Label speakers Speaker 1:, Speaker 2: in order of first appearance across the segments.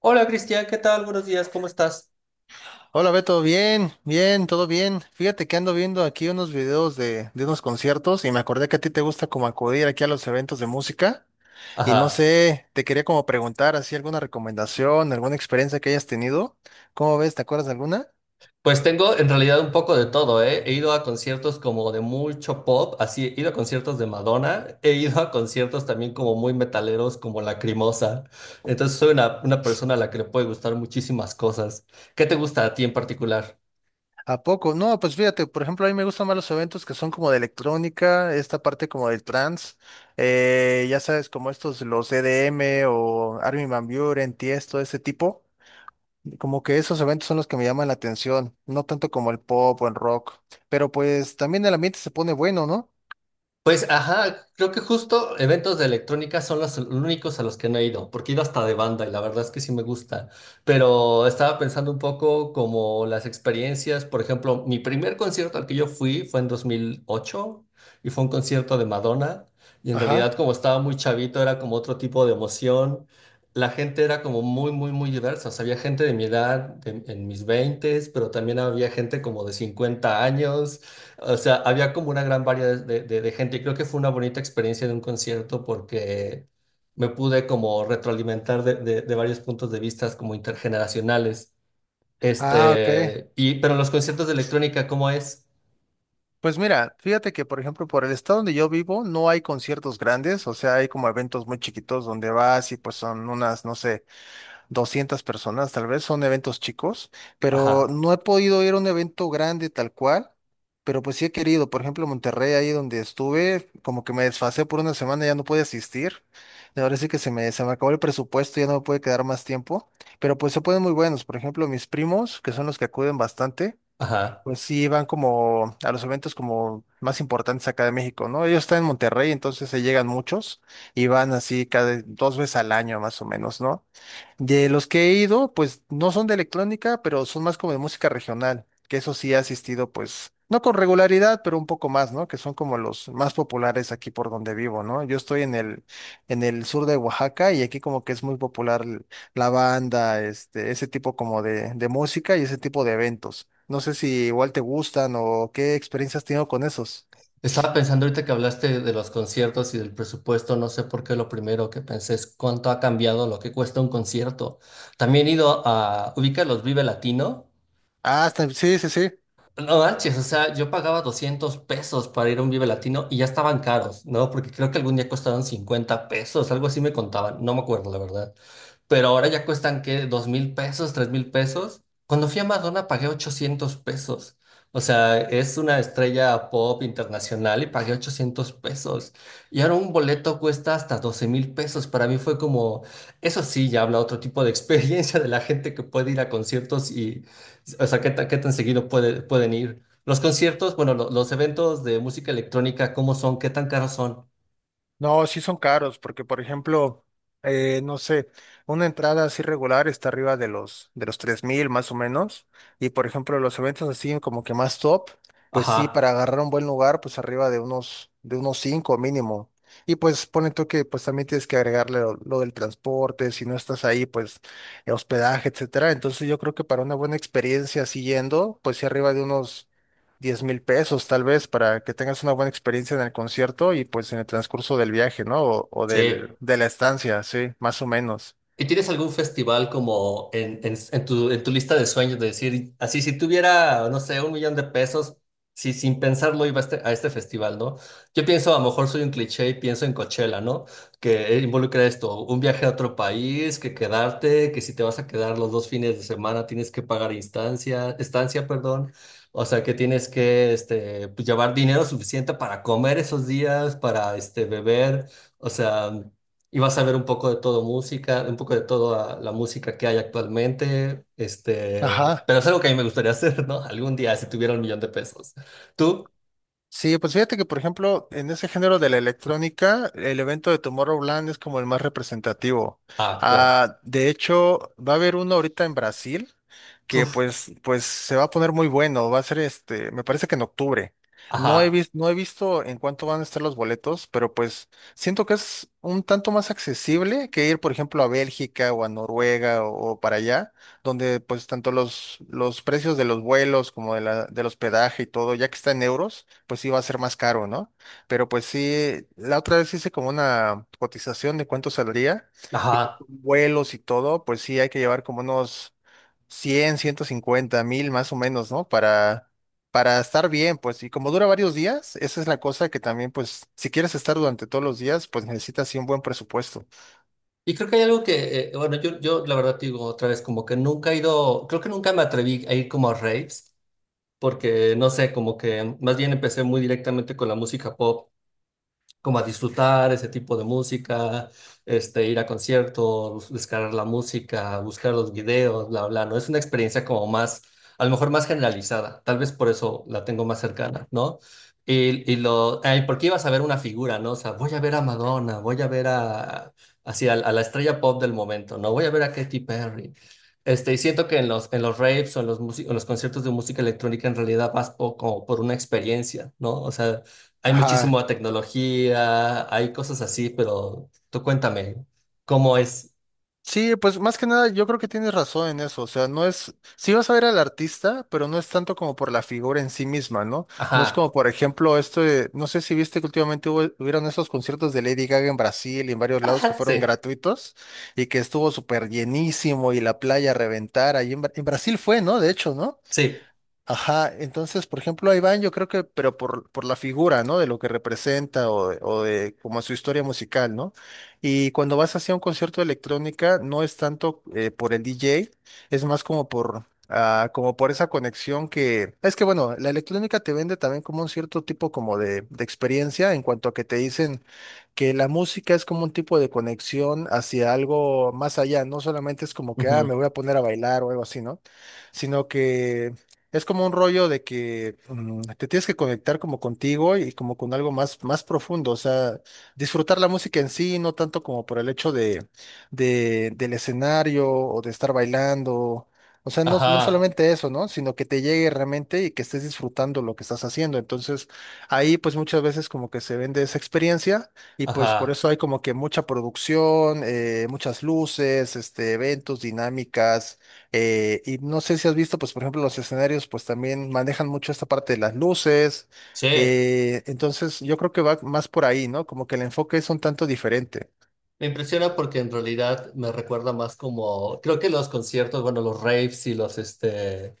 Speaker 1: Hola Cristian, ¿qué tal? Buenos días, ¿cómo estás?
Speaker 2: Hola Beto, bien, bien, todo bien. Fíjate que ando viendo aquí unos videos de unos conciertos y me acordé que a ti te gusta como acudir aquí a los eventos de música y no
Speaker 1: Ajá.
Speaker 2: sé, te quería como preguntar así alguna recomendación, alguna experiencia que hayas tenido. ¿Cómo ves? ¿Te acuerdas de alguna?
Speaker 1: Pues tengo en realidad un poco de todo, ¿eh? He ido a conciertos como de mucho pop, así he ido a conciertos de Madonna, he ido a conciertos también como muy metaleros, como Lacrimosa. Entonces soy una persona a la que le puede gustar muchísimas cosas. ¿Qué te gusta a ti en particular?
Speaker 2: ¿A poco? No, pues fíjate, por ejemplo, a mí me gustan más los eventos que son como de electrónica, esta parte como del trance, ya sabes, como estos, los EDM o Armin van Buuren, Tiesto, ese tipo. Como que esos eventos son los que me llaman la atención, no tanto como el pop o el rock, pero pues también el ambiente se pone bueno, ¿no?
Speaker 1: Pues, ajá, creo que justo eventos de electrónica son los únicos a los que no he ido, porque he ido hasta de banda y la verdad es que sí me gusta, pero estaba pensando un poco como las experiencias, por ejemplo, mi primer concierto al que yo fui fue en 2008 y fue un concierto de Madonna y en realidad
Speaker 2: Ajá.
Speaker 1: como estaba muy chavito era como otro tipo de emoción, la gente era como muy, muy, muy diversa, o sea, había gente de mi edad, en mis veintes, pero también había gente como de 50 años. O sea, había como una gran variedad de gente y creo que fue una bonita experiencia de un concierto porque me pude como retroalimentar de, de varios puntos de vista como intergeneracionales.
Speaker 2: Ah, ok.
Speaker 1: Este, y, pero los conciertos de electrónica, ¿cómo es?
Speaker 2: Pues mira, fíjate que por ejemplo por el estado donde yo vivo no hay conciertos grandes, o sea, hay como eventos muy chiquitos donde vas y pues son unas, no sé, 200 personas, tal vez son eventos chicos, pero
Speaker 1: Ajá,
Speaker 2: no he podido ir a un evento grande tal cual, pero pues sí he querido. Por ejemplo, Monterrey, ahí donde estuve, como que me desfasé por una semana, ya no pude asistir, de ahora sí que se me acabó el presupuesto, ya no me puede quedar más tiempo, pero pues se ponen muy buenos. Por ejemplo, mis primos, que son los que acuden bastante,
Speaker 1: ajá.
Speaker 2: pues sí van como a los eventos como más importantes acá de México, ¿no? Ellos están en Monterrey, entonces se llegan muchos y van así cada dos veces al año más o menos, ¿no? De los que he ido, pues no son de electrónica, pero son más como de música regional, que eso sí he asistido, pues, no con regularidad, pero un poco más, ¿no? Que son como los más populares aquí por donde vivo, ¿no? Yo estoy en el sur de Oaxaca y aquí como que es muy popular la banda, este, ese tipo como de música y ese tipo de eventos. No sé si igual te gustan o qué experiencias has tenido con esos.
Speaker 1: Estaba pensando ahorita que hablaste de los conciertos y del presupuesto, no sé por qué lo primero que pensé es cuánto ha cambiado lo que cuesta un concierto. También he ido a, ubica los Vive Latino.
Speaker 2: Ah, está- sí, sí, sí.
Speaker 1: No manches, o sea, yo pagaba 200 pesos para ir a un Vive Latino y ya estaban caros, ¿no? Porque creo que algún día costaron 50 pesos, algo así me contaban, no me acuerdo, la verdad, pero ahora ya cuestan, ¿qué? ¿2,000 pesos? ¿3,000 pesos? Cuando fui a Madonna pagué 800 pesos. O sea, es una estrella pop internacional y pagué 800 pesos. Y ahora un boleto cuesta hasta 12,000 pesos. Para mí fue como, eso sí, ya habla otro tipo de experiencia de la gente que puede ir a conciertos y, o sea, qué tan seguido pueden ir. Los conciertos, bueno, los eventos de música electrónica, ¿cómo son? ¿Qué tan caros son?
Speaker 2: No, sí son caros, porque por ejemplo, no sé, una entrada así regular está arriba de los 3000 más o menos, y por ejemplo, los eventos así como que más top, pues sí, para
Speaker 1: Ajá,
Speaker 2: agarrar un buen lugar, pues arriba de unos 5 mínimo. Y pues pone tú que pues también tienes que agregarle lo del transporte, si no estás ahí, pues hospedaje, etcétera. Entonces yo creo que para una buena experiencia siguiendo, pues sí arriba de unos 10,000 pesos tal vez para que tengas una buena experiencia en el concierto y pues en el transcurso del viaje, ¿no? O
Speaker 1: sí.
Speaker 2: del, de la estancia, sí, más o menos.
Speaker 1: ¿Y tienes algún festival como en, en tu lista de sueños de decir, así si tuviera, no sé, un millón de pesos, si sin pensarlo iba a este festival, ¿no? Yo pienso, a lo mejor soy un cliché y pienso en Coachella, ¿no? Que involucra esto, un viaje a otro país, que quedarte, que si te vas a quedar los dos fines de semana tienes que pagar instancia, estancia, perdón. O sea, que tienes que este, pues, llevar dinero suficiente para comer esos días, para este, beber. O sea, y vas a ver un poco de todo música, un poco de toda la música que hay actualmente, este,
Speaker 2: Ajá.
Speaker 1: pero es algo que a mí me gustaría hacer, ¿no? Algún día, si tuviera un millón de pesos. ¿Tú?
Speaker 2: Sí, pues fíjate que, por ejemplo, en ese género de la electrónica, el evento de Tomorrowland es como el más representativo.
Speaker 1: Ah, claro.
Speaker 2: Ah, de hecho, va a haber uno ahorita en Brasil que
Speaker 1: Puf,
Speaker 2: pues, pues se va a poner muy bueno. Va a ser este, me parece que en octubre. No he
Speaker 1: ajá,
Speaker 2: visto, no he visto en cuánto van a estar los boletos, pero pues siento que es un tanto más accesible que ir, por ejemplo, a Bélgica o a Noruega o para allá, donde pues tanto los precios de los vuelos como de la, del hospedaje y todo, ya que está en euros, pues sí va a ser más caro, ¿no? Pero pues sí, la otra vez hice como una cotización de cuánto saldría y pues,
Speaker 1: ajá.
Speaker 2: con vuelos y todo, pues sí hay que llevar como unos 100, 150, 000 más o menos, ¿no? Para estar bien, pues, y como dura varios días, esa es la cosa que también, pues si quieres estar durante todos los días, pues necesitas sí un buen presupuesto.
Speaker 1: Y creo que hay algo que, bueno, yo la verdad te digo otra vez, como que nunca he ido, creo que nunca me atreví a ir como a raves, porque no sé, como que más bien empecé muy directamente con la música pop como a disfrutar ese tipo de música, este, ir a conciertos, descargar la música, buscar los videos, bla, bla, ¿no? Es una experiencia como más, a lo mejor más generalizada, tal vez por eso la tengo más cercana, ¿no? Y lo, ay, porque ibas a ver una figura, ¿no? O sea, voy a ver a Madonna, voy a ver a, así, a la estrella pop del momento, ¿no? Voy a ver a Katy Perry. Este, y siento que en los raves o en los, en los conciertos de música electrónica en realidad como por una experiencia, ¿no? O sea, hay
Speaker 2: Ajá.
Speaker 1: muchísima tecnología, hay cosas así, pero tú cuéntame, ¿cómo es?
Speaker 2: Sí, pues más que nada yo creo que tienes razón en eso, o sea, no es, sí vas a ver al artista, pero no es tanto como por la figura en sí misma, ¿no? No es como,
Speaker 1: Ajá,
Speaker 2: por ejemplo, esto de, no sé si viste que últimamente hubo, hubieron esos conciertos de Lady Gaga en Brasil y en varios lados que
Speaker 1: ajá,
Speaker 2: fueron
Speaker 1: sí,
Speaker 2: gratuitos y que estuvo súper llenísimo y la playa a reventar, ahí en, Bra- en Brasil fue, ¿no? De hecho, ¿no?
Speaker 1: sí,
Speaker 2: Ajá, entonces, por ejemplo, a Iván, yo creo que, pero por la figura, ¿no? De lo que representa o de como su historia musical, ¿no? Y cuando vas hacia un concierto de electrónica, no es tanto por el DJ, es más como por, ah, como por esa conexión que, es que bueno, la electrónica te vende también como un cierto tipo como de experiencia en cuanto a que te dicen que la música es como un tipo de conexión hacia algo más allá, no solamente es como que, ah,
Speaker 1: ujú,
Speaker 2: me voy a poner a bailar o algo así, ¿no? Sino que es como un rollo de que te tienes que conectar como contigo y como con algo más, más profundo, o sea, disfrutar la música en sí, no tanto como por el hecho de, del escenario o de estar bailando, o sea, no, no
Speaker 1: ajá,
Speaker 2: solamente eso, ¿no? Sino que te llegue realmente y que estés disfrutando lo que estás haciendo. Entonces, ahí pues muchas veces como que se vende esa experiencia y pues por
Speaker 1: ajá,
Speaker 2: eso hay como que mucha producción, muchas luces, este, eventos, dinámicas, y no sé si has visto, pues por ejemplo, los escenarios, pues también manejan mucho esta parte de las luces.
Speaker 1: sí.
Speaker 2: Entonces, yo creo que va más por ahí, ¿no? Como que el enfoque es un tanto diferente.
Speaker 1: Me impresiona porque en realidad me recuerda más como, creo que los conciertos, bueno, los raves y los, este,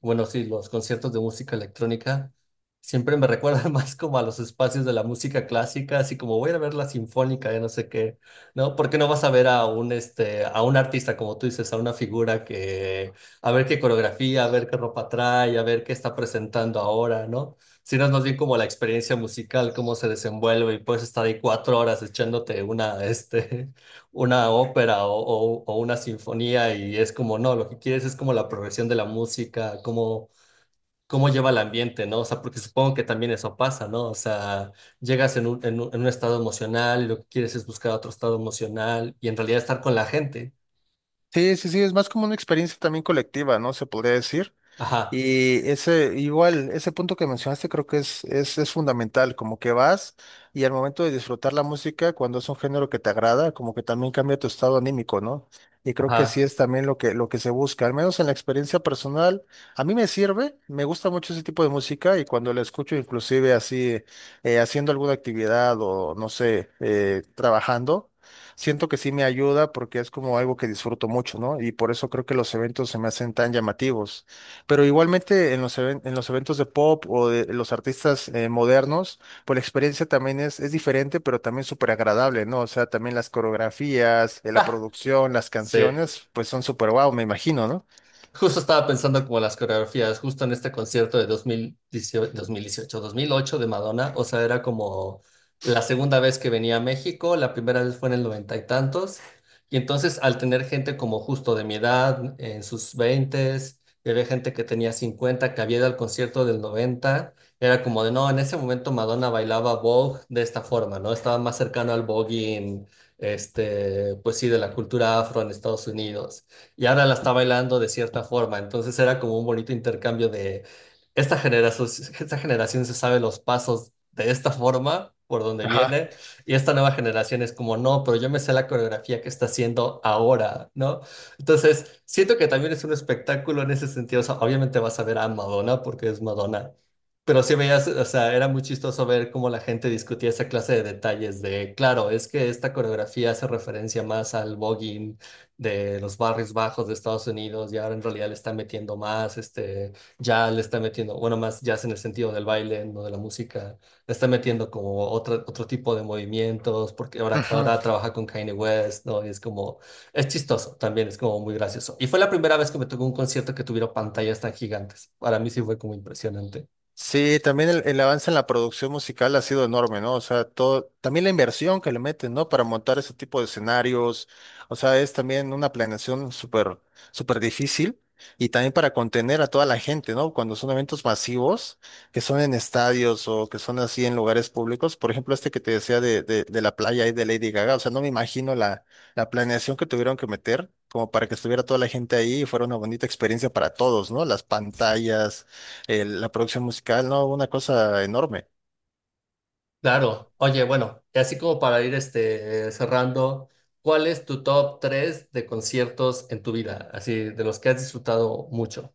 Speaker 1: bueno, sí, los conciertos de música electrónica siempre me recuerdan más como a los espacios de la música clásica, así como voy a ir a ver la sinfónica de no sé qué, ¿no? Porque no vas a ver a un, este, a un artista, como tú dices, a una figura que, a ver qué coreografía, a ver qué ropa trae, a ver qué está presentando ahora, ¿no? Sino es más bien como la experiencia musical, cómo se desenvuelve y puedes estar ahí 4 horas echándote una, este, una ópera o, o una sinfonía y es como, no, lo que quieres es como la progresión de la música, cómo, cómo lleva el ambiente, ¿no? O sea, porque supongo que también eso pasa, ¿no? O sea, llegas en un, en un, en un estado emocional y lo que quieres es buscar otro estado emocional y en realidad estar con la gente.
Speaker 2: Sí, sí, sí, es más como una experiencia también colectiva, ¿no? Se podría decir.
Speaker 1: Ajá,
Speaker 2: Y ese, igual, ese punto que mencionaste creo que es fundamental, como que vas y al momento de disfrutar la música, cuando es un género que te agrada, como que también cambia tu estado anímico, ¿no? Y creo que así
Speaker 1: ajá.
Speaker 2: es también lo que se busca, al menos en la experiencia personal, a mí me sirve, me gusta mucho ese tipo de música y cuando la escucho inclusive así, haciendo alguna actividad o no sé, trabajando. Siento que sí me ayuda porque es como algo que disfruto mucho, ¿no? Y por eso creo que los eventos se me hacen tan llamativos. Pero igualmente en los, even- en los eventos de pop o de los artistas modernos, pues la experiencia también es diferente, pero también súper agradable, ¿no? O sea, también las coreografías, la
Speaker 1: Ah,
Speaker 2: producción, las
Speaker 1: sí.
Speaker 2: canciones, pues son súper guau, me imagino, ¿no?
Speaker 1: Justo estaba pensando como las coreografías, justo en este concierto de 2008 de Madonna, o sea, era como la segunda vez que venía a México, la primera vez fue en el noventa y tantos, y entonces al tener gente como justo de mi edad, en sus veintes, y había gente que tenía 50, que había ido al concierto del 90, era como de, no, en ese momento Madonna bailaba Vogue de esta forma, ¿no? Estaba más cercano al voguing, este, pues sí, de la cultura afro en Estados Unidos y ahora la está bailando de cierta forma. Entonces era como un bonito intercambio de esta generación, esta generación se sabe los pasos de esta forma, por donde
Speaker 2: Ajá.
Speaker 1: viene, y esta nueva generación es como, no, pero yo me sé la coreografía que está haciendo ahora, ¿no? Entonces, siento que también es un espectáculo en ese sentido. O sea, obviamente vas a ver a Madonna porque es Madonna. Pero sí veías, o sea, era muy chistoso ver cómo la gente discutía esa clase de detalles de, claro, es que esta coreografía hace referencia más al voguing de los barrios bajos de Estados Unidos y ahora en realidad le está metiendo más, este, ya le está metiendo, bueno, más jazz en el sentido del baile, no de la música, le está metiendo como otro, otro tipo de movimientos, porque ahora trabaja con Kanye West, ¿no? Y es como, es chistoso también, es como muy gracioso. Y fue la primera vez que me tocó un concierto que tuviera pantallas tan gigantes. Para mí sí fue como impresionante.
Speaker 2: Sí, también el avance en la producción musical ha sido enorme, ¿no? O sea, todo, también la inversión que le meten, ¿no? Para montar ese tipo de escenarios, o sea, es también una planeación súper, súper difícil y también para contener a toda la gente, ¿no? Cuando son eventos masivos, que son en estadios o que son así en lugares públicos, por ejemplo, este que te decía de, de la playa y de Lady Gaga, o sea, no me imagino la, la planeación que tuvieron que meter, como para que estuviera toda la gente ahí y fuera una bonita experiencia para todos, ¿no? Las pantallas, la producción musical, ¿no? Una cosa enorme.
Speaker 1: Claro, oye, bueno, y así como para ir este, cerrando, ¿cuál es tu top 3 de conciertos en tu vida? Así, de los que has disfrutado mucho.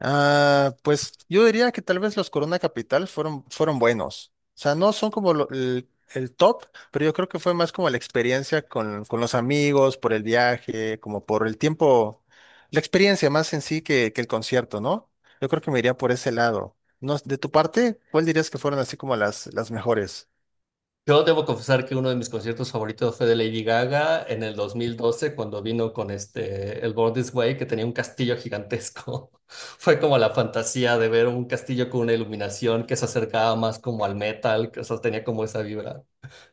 Speaker 2: Ah, pues yo diría que tal vez los Corona Capital fueron, fueron buenos. O sea, no son como el top, pero yo creo que fue más como la experiencia con los amigos, por el viaje, como por el tiempo, la experiencia más en sí que el concierto, ¿no? Yo creo que me iría por ese lado. No, de tu parte, ¿cuál dirías que fueron así como las mejores?
Speaker 1: Yo debo confesar que uno de mis conciertos favoritos fue de Lady Gaga en el 2012, cuando vino con este, el Born This Way, que tenía un castillo gigantesco. Fue como la fantasía de ver un castillo con una iluminación que se acercaba más como al metal, que o sea, tenía como esa vibra.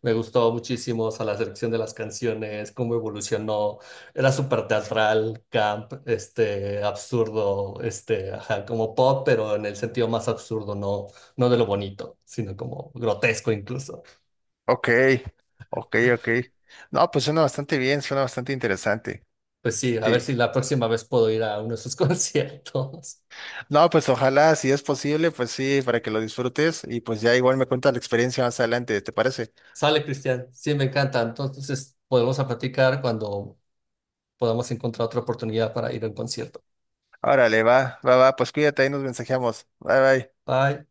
Speaker 1: Me gustó muchísimo, o sea, la selección de las canciones, cómo evolucionó. Era súper teatral, camp, este, absurdo, este, ajá, como pop, pero en el sentido más absurdo, no, no de lo bonito, sino como grotesco incluso.
Speaker 2: Ok, ok, ok. No, pues suena bastante bien, suena bastante interesante.
Speaker 1: Pues sí, a ver
Speaker 2: Sí.
Speaker 1: si la próxima vez puedo ir a uno de sus conciertos.
Speaker 2: No, pues ojalá, si es posible, pues sí, para que lo disfrutes y pues ya igual me cuentas la experiencia más adelante, ¿te parece?
Speaker 1: Sale, Cristian. Sí, me encanta. Entonces, podemos a platicar cuando podamos encontrar otra oportunidad para ir a un concierto.
Speaker 2: Órale, va, va, va, pues cuídate, ahí nos mensajeamos. Bye, bye.
Speaker 1: Bye.